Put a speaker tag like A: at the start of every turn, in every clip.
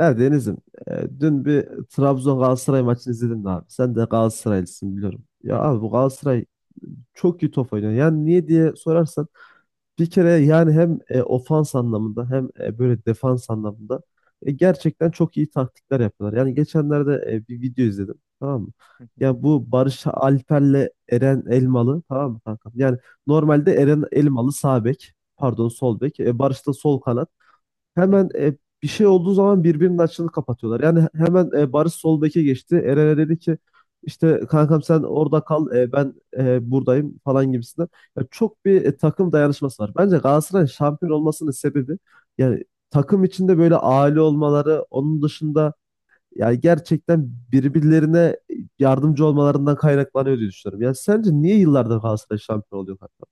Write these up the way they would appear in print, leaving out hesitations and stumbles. A: Evet Deniz'im, dün bir Trabzon Galatasaray maçını izledin mi abi? Sen de Galatasaraylısın biliyorum.
B: Hı
A: Ya
B: hı,
A: abi bu Galatasaray çok iyi top oynuyor. Yani niye diye sorarsan bir kere yani hem ofans anlamında hem böyle defans anlamında gerçekten çok iyi taktikler yapıyorlar. Yani geçenlerde bir video izledim, tamam mı?
B: hı hı,
A: Ya bu Barış Alper'le Eren Elmalı, tamam mı kankam? Yani normalde Eren Elmalı sağ bek, pardon sol bek, Barış da sol kanat,
B: hı
A: hemen
B: hı,
A: bir şey olduğu zaman birbirinin açığını kapatıyorlar. Yani hemen Barış sol beke geçti. Eren'e dedi ki işte kankam sen orada kal, ben buradayım falan gibisinden. Ya çok bir
B: hı hı.
A: takım dayanışması var. Bence Galatasaray'ın şampiyon olmasının sebebi yani takım içinde böyle aile olmaları, onun dışında yani gerçekten birbirlerine yardımcı olmalarından kaynaklanıyor diye düşünüyorum. Yani sence niye yıllardır Galatasaray şampiyon oluyor kanka?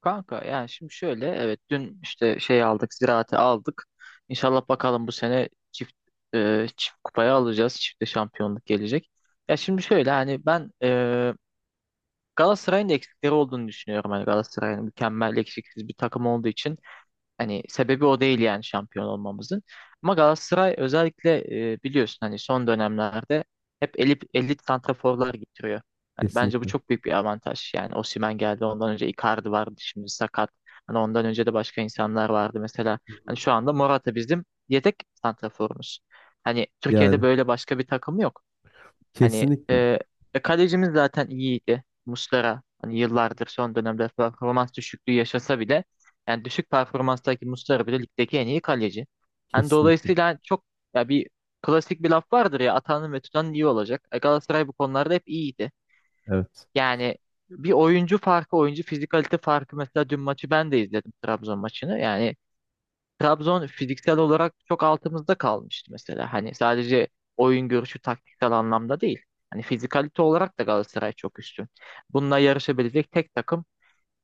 B: Kanka yani şimdi şöyle, evet, dün işte şey aldık, ziraati aldık. İnşallah bakalım bu sene çift çift kupayı alacağız. Çifte şampiyonluk gelecek. Ya şimdi şöyle, hani ben Galatasaray'ın eksikleri olduğunu düşünüyorum. Hani Galatasaray'ın mükemmel, eksiksiz bir takım olduğu için hani sebebi o değil yani şampiyon olmamızın. Ama Galatasaray özellikle biliyorsun, hani son dönemlerde hep elit, elit santraforlar getiriyor. Hani bence bu
A: Kesinlikle.
B: çok büyük bir avantaj. Yani Osimhen geldi, ondan önce Icardi vardı, şimdi sakat. Hani ondan önce de başka insanlar vardı mesela. Hani şu anda Morata bizim yedek santraforumuz. Hani Türkiye'de
A: Yani
B: böyle başka bir takım yok. Hani
A: kesinlikle.
B: kalecimiz zaten iyiydi. Muslera, hani yıllardır son dönemde performans düşüklüğü yaşasa bile yani düşük performanstaki Muslera bile ligdeki en iyi kaleci. Hani
A: Kesinlikle.
B: dolayısıyla çok, ya bir klasik bir laf vardır ya, atanın ve tutanın iyi olacak. E, Galatasaray bu konularda hep iyiydi.
A: Evet.
B: Yani bir oyuncu farkı, oyuncu fizikalite farkı. Mesela dün maçı ben de izledim, Trabzon maçını. Yani Trabzon fiziksel olarak çok altımızda kalmıştı mesela. Hani sadece oyun görüşü, taktiksel anlamda değil. Hani fizikalite olarak da Galatasaray çok üstün. Bununla yarışabilecek tek takım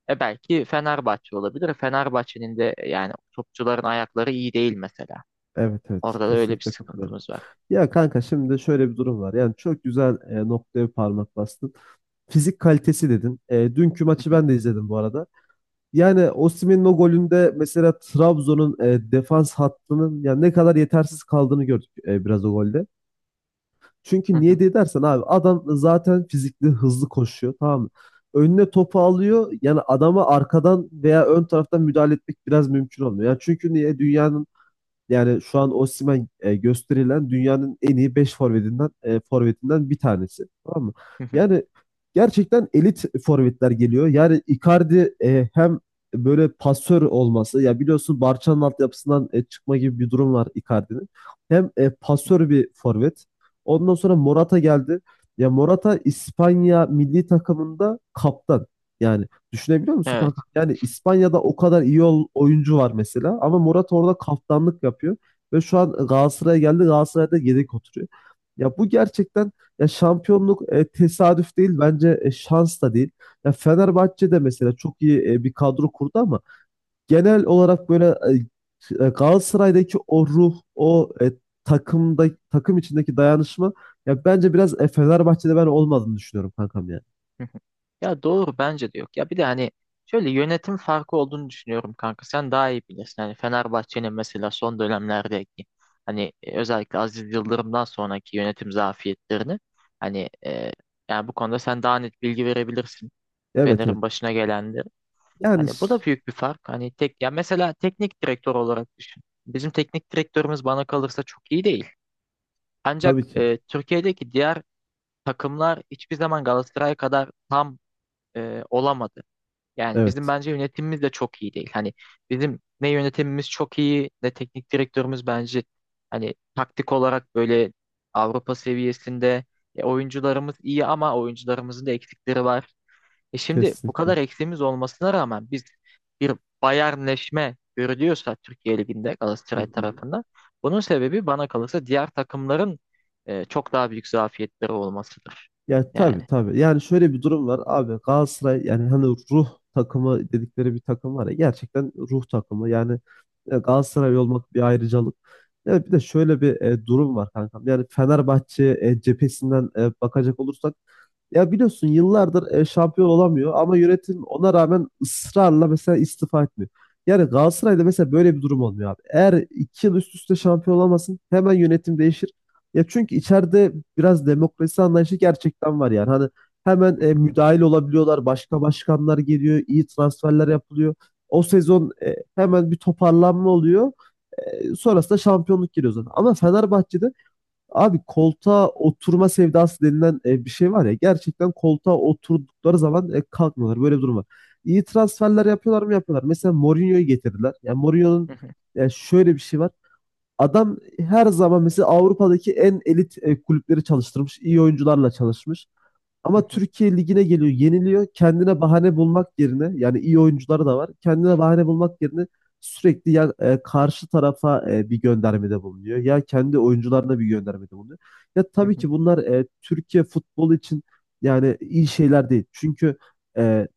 B: e belki Fenerbahçe olabilir. Fenerbahçe'nin de yani topçuların ayakları iyi değil mesela.
A: Evet evet,
B: Orada da öyle bir
A: kesinlikle katılıyorum.
B: sıkıntımız var.
A: Ya kanka, şimdi şöyle bir durum var. Yani çok güzel noktaya parmak bastın. Fizik kalitesi dedin. E, dünkü maçı ben de izledim bu arada. Yani Osimhen'in o golünde mesela Trabzon'un defans hattının yani ne kadar yetersiz kaldığını gördük biraz o golde. Çünkü niye diye dersen abi, adam zaten fizikli, hızlı koşuyor, tamam mı? Önüne topu alıyor. Yani adama arkadan veya ön taraftan müdahale etmek biraz mümkün olmuyor. Yani çünkü niye, dünyanın yani şu an Osimhen gösterilen dünyanın en iyi 5 forvetinden bir tanesi. Tamam mı? Yani gerçekten elit forvetler geliyor. Yani Icardi, hem böyle pasör olması, ya biliyorsun Barça'nın altyapısından çıkma gibi bir durum var Icardi'nin. Hem pasör bir forvet. Ondan sonra Morata geldi. Ya Morata İspanya milli takımında kaptan. Yani düşünebiliyor musun kanka?
B: Evet.
A: Yani İspanya'da o kadar iyi oyuncu var mesela ama Murat orada kaptanlık yapıyor ve şu an Galatasaray'a geldi, Galatasaray'da yedek oturuyor. Ya bu gerçekten, ya şampiyonluk tesadüf değil bence, şans da değil. Ya Fenerbahçe de mesela çok iyi bir kadro kurdu ama genel olarak böyle Galatasaray'daki o ruh, o takımda takım içindeki dayanışma ya bence biraz Fenerbahçe'de ben olmadığını düşünüyorum kankam, yani.
B: Hı hı. Ya doğru, bence de yok. Ya bir de hani şöyle yönetim farkı olduğunu düşünüyorum, kanka. Sen daha iyi bilirsin. Hani Fenerbahçe'nin mesela son dönemlerdeki hani özellikle Aziz Yıldırım'dan sonraki yönetim zafiyetlerini, hani yani bu konuda sen daha net bilgi verebilirsin.
A: Evet evet.
B: Fener'in başına gelenleri.
A: Yani
B: Hani bu da büyük bir fark. Hani tek, ya mesela teknik direktör olarak düşün. Bizim teknik direktörümüz bana kalırsa çok iyi değil. Ancak
A: tabii ki.
B: Türkiye'deki diğer takımlar hiçbir zaman Galatasaray kadar tam olamadı. Yani bizim
A: Evet.
B: bence yönetimimiz de çok iyi değil. Hani bizim ne yönetimimiz çok iyi, ne teknik direktörümüz bence hani taktik olarak böyle Avrupa seviyesinde. E, oyuncularımız iyi ama oyuncularımızın da eksikleri var. E, şimdi bu
A: Kesinlikle.
B: kadar eksiğimiz olmasına rağmen biz bir bayernleşme görülüyorsa Türkiye Ligi'nde
A: Hı
B: Galatasaray
A: hı.
B: tarafından, bunun sebebi bana kalırsa diğer takımların çok daha büyük zafiyetleri olmasıdır.
A: Ya tabii
B: Yani.
A: tabii. Yani şöyle bir durum var abi, Galatasaray yani hani ruh takımı dedikleri bir takım var ya, gerçekten ruh takımı. Yani Galatasaray olmak bir ayrıcalık. Ya bir de şöyle bir durum var kankam. Yani Fenerbahçe cephesinden bakacak olursak, ya biliyorsun yıllardır şampiyon olamıyor ama yönetim ona rağmen ısrarla mesela istifa etmiyor. Yani Galatasaray'da mesela böyle bir durum olmuyor abi. Eğer iki yıl üst üste şampiyon olamasın hemen yönetim değişir. Ya çünkü içeride biraz demokrasi anlayışı gerçekten var yani. Hani hemen müdahil olabiliyorlar. Başka başkanlar geliyor. İyi transferler yapılıyor. O sezon hemen bir toparlanma oluyor. E, sonrasında şampiyonluk geliyor zaten. Ama Fenerbahçe'de abi, koltuğa oturma sevdası denilen bir şey var ya, gerçekten koltuğa oturdukları zaman kalkmıyorlar. Böyle bir durum var. İyi transferler yapıyorlar mı, yapıyorlar. Mesela Mourinho'yu getirdiler. Yani Mourinho'nun şöyle bir şey var. Adam her zaman mesela Avrupa'daki en elit kulüpleri çalıştırmış. İyi oyuncularla çalışmış. Ama Türkiye ligine geliyor, yeniliyor. Kendine bahane bulmak yerine, yani iyi oyuncuları da var. Kendine bahane bulmak yerine sürekli ya karşı tarafa bir göndermede bulunuyor ya kendi oyuncularına bir göndermede bulunuyor. Ya tabii ki bunlar Türkiye futbolu için yani iyi şeyler değil. Çünkü e,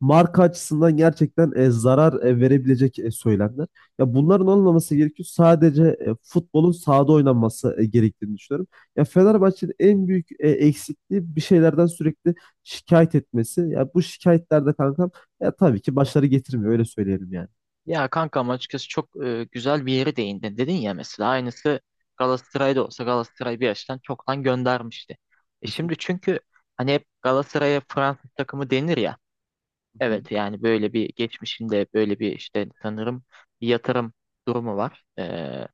A: marka açısından gerçekten zarar verebilecek söylemler. Ya bunların olmaması gerekiyor. Sadece futbolun sahada oynanması gerektiğini düşünüyorum. Ya Fenerbahçe'nin en büyük eksikliği bir şeylerden sürekli şikayet etmesi. Ya bu şikayetlerde kankam, ya tabii ki başarı getirmiyor, öyle söyleyelim yani.
B: Ya kankam, açıkçası çok güzel bir yere değindin. Dedin ya, mesela aynısı Galatasaray'da olsa Galatasaray bir yaştan çoktan göndermişti. E şimdi,
A: Kesinlikle.
B: çünkü hani hep Galatasaray'a Fransız takımı denir ya.
A: Hı hı.
B: Evet, yani böyle bir geçmişinde böyle bir işte sanırım bir yatırım durumu var.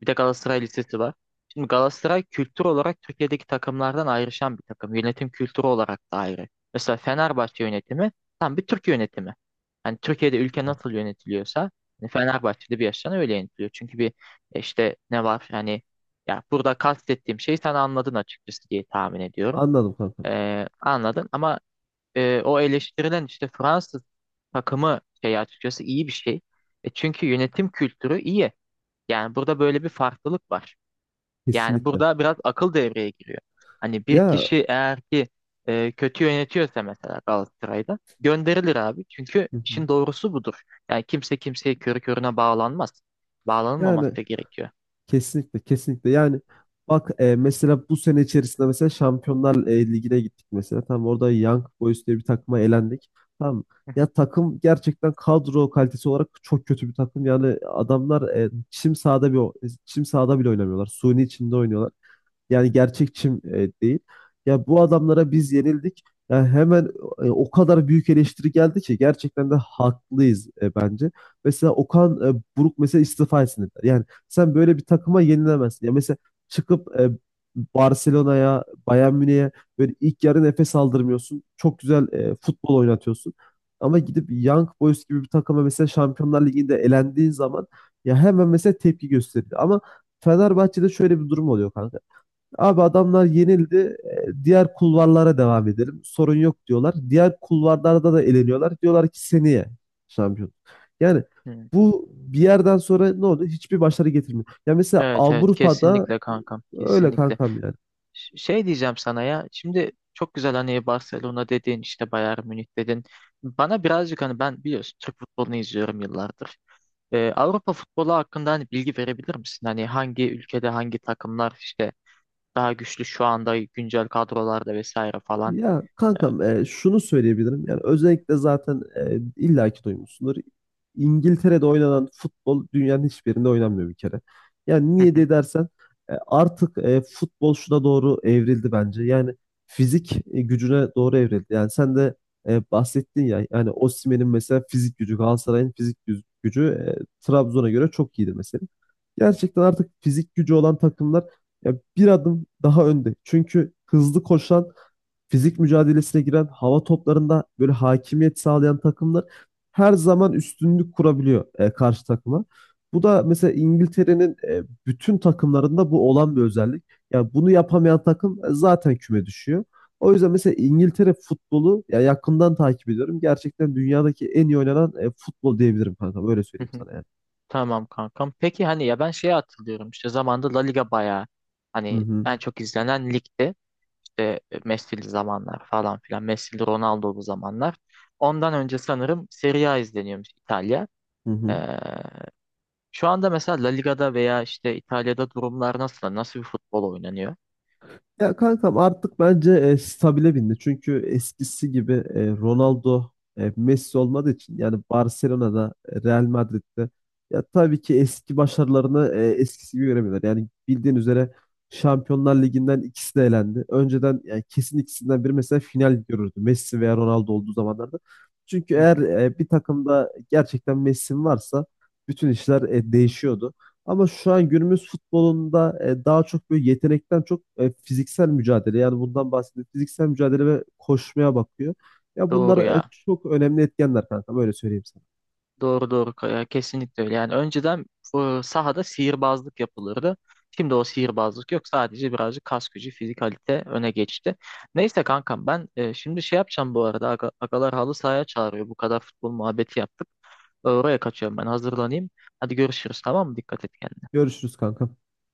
B: Bir de Galatasaray Lisesi var. Şimdi Galatasaray kültür olarak Türkiye'deki takımlardan ayrışan bir takım. Yönetim kültürü olarak da ayrı. Mesela Fenerbahçe yönetimi tam bir Türk yönetimi. Hani Türkiye'de ülke nasıl yönetiliyorsa hani Fenerbahçe'de bir yaştan öyle yönetiliyor. Çünkü bir işte ne var yani, ya burada kastettiğim şeyi sen anladın açıkçası diye tahmin ediyorum.
A: Anladım kankam.
B: Anladın ama o eleştirilen işte Fransız takımı şey açıkçası iyi bir şey. E, çünkü yönetim kültürü iyi. Yani burada böyle bir farklılık var. Yani
A: Kesinlikle.
B: burada biraz akıl devreye giriyor. Hani bir
A: Ya
B: kişi eğer ki kötü yönetiyorsa mesela Galatasaray'da gönderilir abi. Çünkü
A: hı hı.
B: işin doğrusu budur. Yani kimse kimseye körü körüne bağlanmaz.
A: Yani
B: Bağlanılmaması da gerekiyor.
A: kesinlikle, kesinlikle yani. Bak, mesela bu sene içerisinde mesela Şampiyonlar Ligi'ne gittik mesela, tamam, orada Young Boys diye bir takıma elendik, tamam. Ya takım gerçekten kadro kalitesi olarak çok kötü bir takım yani, adamlar çim sahada çim sahada bile oynamıyorlar, suni içinde oynuyorlar. Yani gerçekçim değil. Ya bu adamlara biz yenildik. Yani hemen o kadar büyük eleştiri geldi ki, gerçekten de haklıyız bence. Mesela Okan Buruk mesela istifa etsin dediler. Yani sen böyle bir takıma yenilemezsin. Ya mesela çıkıp Barcelona'ya, Bayern Münih'e böyle ilk yarı nefes aldırmıyorsun. Çok güzel futbol oynatıyorsun. Ama gidip Young Boys gibi bir takıma mesela Şampiyonlar Ligi'nde elendiğin zaman ya hemen mesela tepki gösteriyor. Ama Fenerbahçe'de şöyle bir durum oluyor kanka. Abi adamlar yenildi. E, Diğer kulvarlara devam edelim. Sorun yok diyorlar. Diğer kulvarlarda da eleniyorlar. Diyorlar ki seneye şampiyon. Yani
B: Hı.
A: bu bir yerden sonra ne oldu? Hiçbir başarı getirmiyor. Ya mesela
B: Evet evet,
A: Avrupa'da
B: kesinlikle kankam,
A: öyle
B: kesinlikle.
A: kankam yani.
B: Şey diyeceğim sana ya. Şimdi çok güzel, hani Barcelona dedin, işte Bayern Münih dedin. Bana birazcık, hani ben biliyorsun Türk futbolunu izliyorum yıllardır. Avrupa futbolu hakkında hani bilgi verebilir misin? Hani hangi ülkede hangi takımlar işte daha güçlü şu anda, güncel kadrolarda vesaire falan.
A: Ya
B: Ee,
A: kankam, şunu söyleyebilirim. Yani özellikle zaten illaki duymuşsundur. İngiltere'de oynanan futbol dünyanın hiçbirinde oynanmıyor bir kere. Yani niye diye dersen artık futbol şuna doğru evrildi bence. Yani fizik gücüne doğru evrildi. Yani sen de bahsettin ya, yani Osimhen'in mesela fizik gücü, Galatasaray'ın fizik gücü Trabzon'a göre çok iyidir mesela. Gerçekten artık fizik gücü olan takımlar ya bir adım daha önde. Çünkü hızlı koşan, fizik mücadelesine giren, hava toplarında böyle hakimiyet sağlayan takımlar her zaman üstünlük kurabiliyor karşı takıma. Bu da mesela İngiltere'nin bütün takımlarında bu olan bir özellik. Yani bunu yapamayan takım zaten küme düşüyor. O yüzden mesela İngiltere futbolu ya yakından takip ediyorum. Gerçekten dünyadaki en iyi oynanan futbol diyebilirim kanka. Böyle söyleyeyim sana yani.
B: tamam kankam. Peki hani, ya ben şeye hatırlıyorum, işte zamanda La Liga bayağı
A: Hı
B: hani
A: hı.
B: en çok izlenen ligdi. İşte Messi'li zamanlar falan filan. Messi'li Ronaldo'lu zamanlar. Ondan önce sanırım Serie A izleniyormuş, İtalya.
A: Hı
B: Ee,
A: hı.
B: şu anda mesela La Liga'da veya işte İtalya'da durumlar nasıl? Nasıl bir futbol oynanıyor?
A: Ya kankam artık bence stabile bindi. Çünkü eskisi gibi Ronaldo, Messi olmadığı için yani Barcelona'da, Real Madrid'de ya tabii ki eski başarılarını eskisi gibi göremiyorlar. Yani bildiğin üzere Şampiyonlar Ligi'nden ikisi de elendi. Önceden yani kesin ikisinden biri mesela final görürdü. Messi veya Ronaldo olduğu zamanlarda. Çünkü eğer bir takımda gerçekten Messi varsa bütün işler değişiyordu. Ama şu an günümüz futbolunda daha çok böyle yetenekten çok fiziksel mücadele, yani bundan bahsediyorum. Fiziksel mücadele ve koşmaya bakıyor. Ya
B: Doğru
A: bunlar
B: ya.
A: çok önemli etkenler kanka, böyle söyleyeyim sana.
B: Doğru doğru Kaya, kesinlikle öyle. Yani önceden sahada sihirbazlık yapılırdı. Şimdi o sihirbazlık yok. Sadece birazcık kas gücü, fizikalite öne geçti. Neyse kankam, ben şimdi şey yapacağım bu arada. Agalar halı sahaya çağırıyor. Bu kadar futbol muhabbeti yaptık. Oraya kaçıyorum, ben hazırlanayım. Hadi görüşürüz, tamam mı? Dikkat et kendine.
A: Görüşürüz kanka.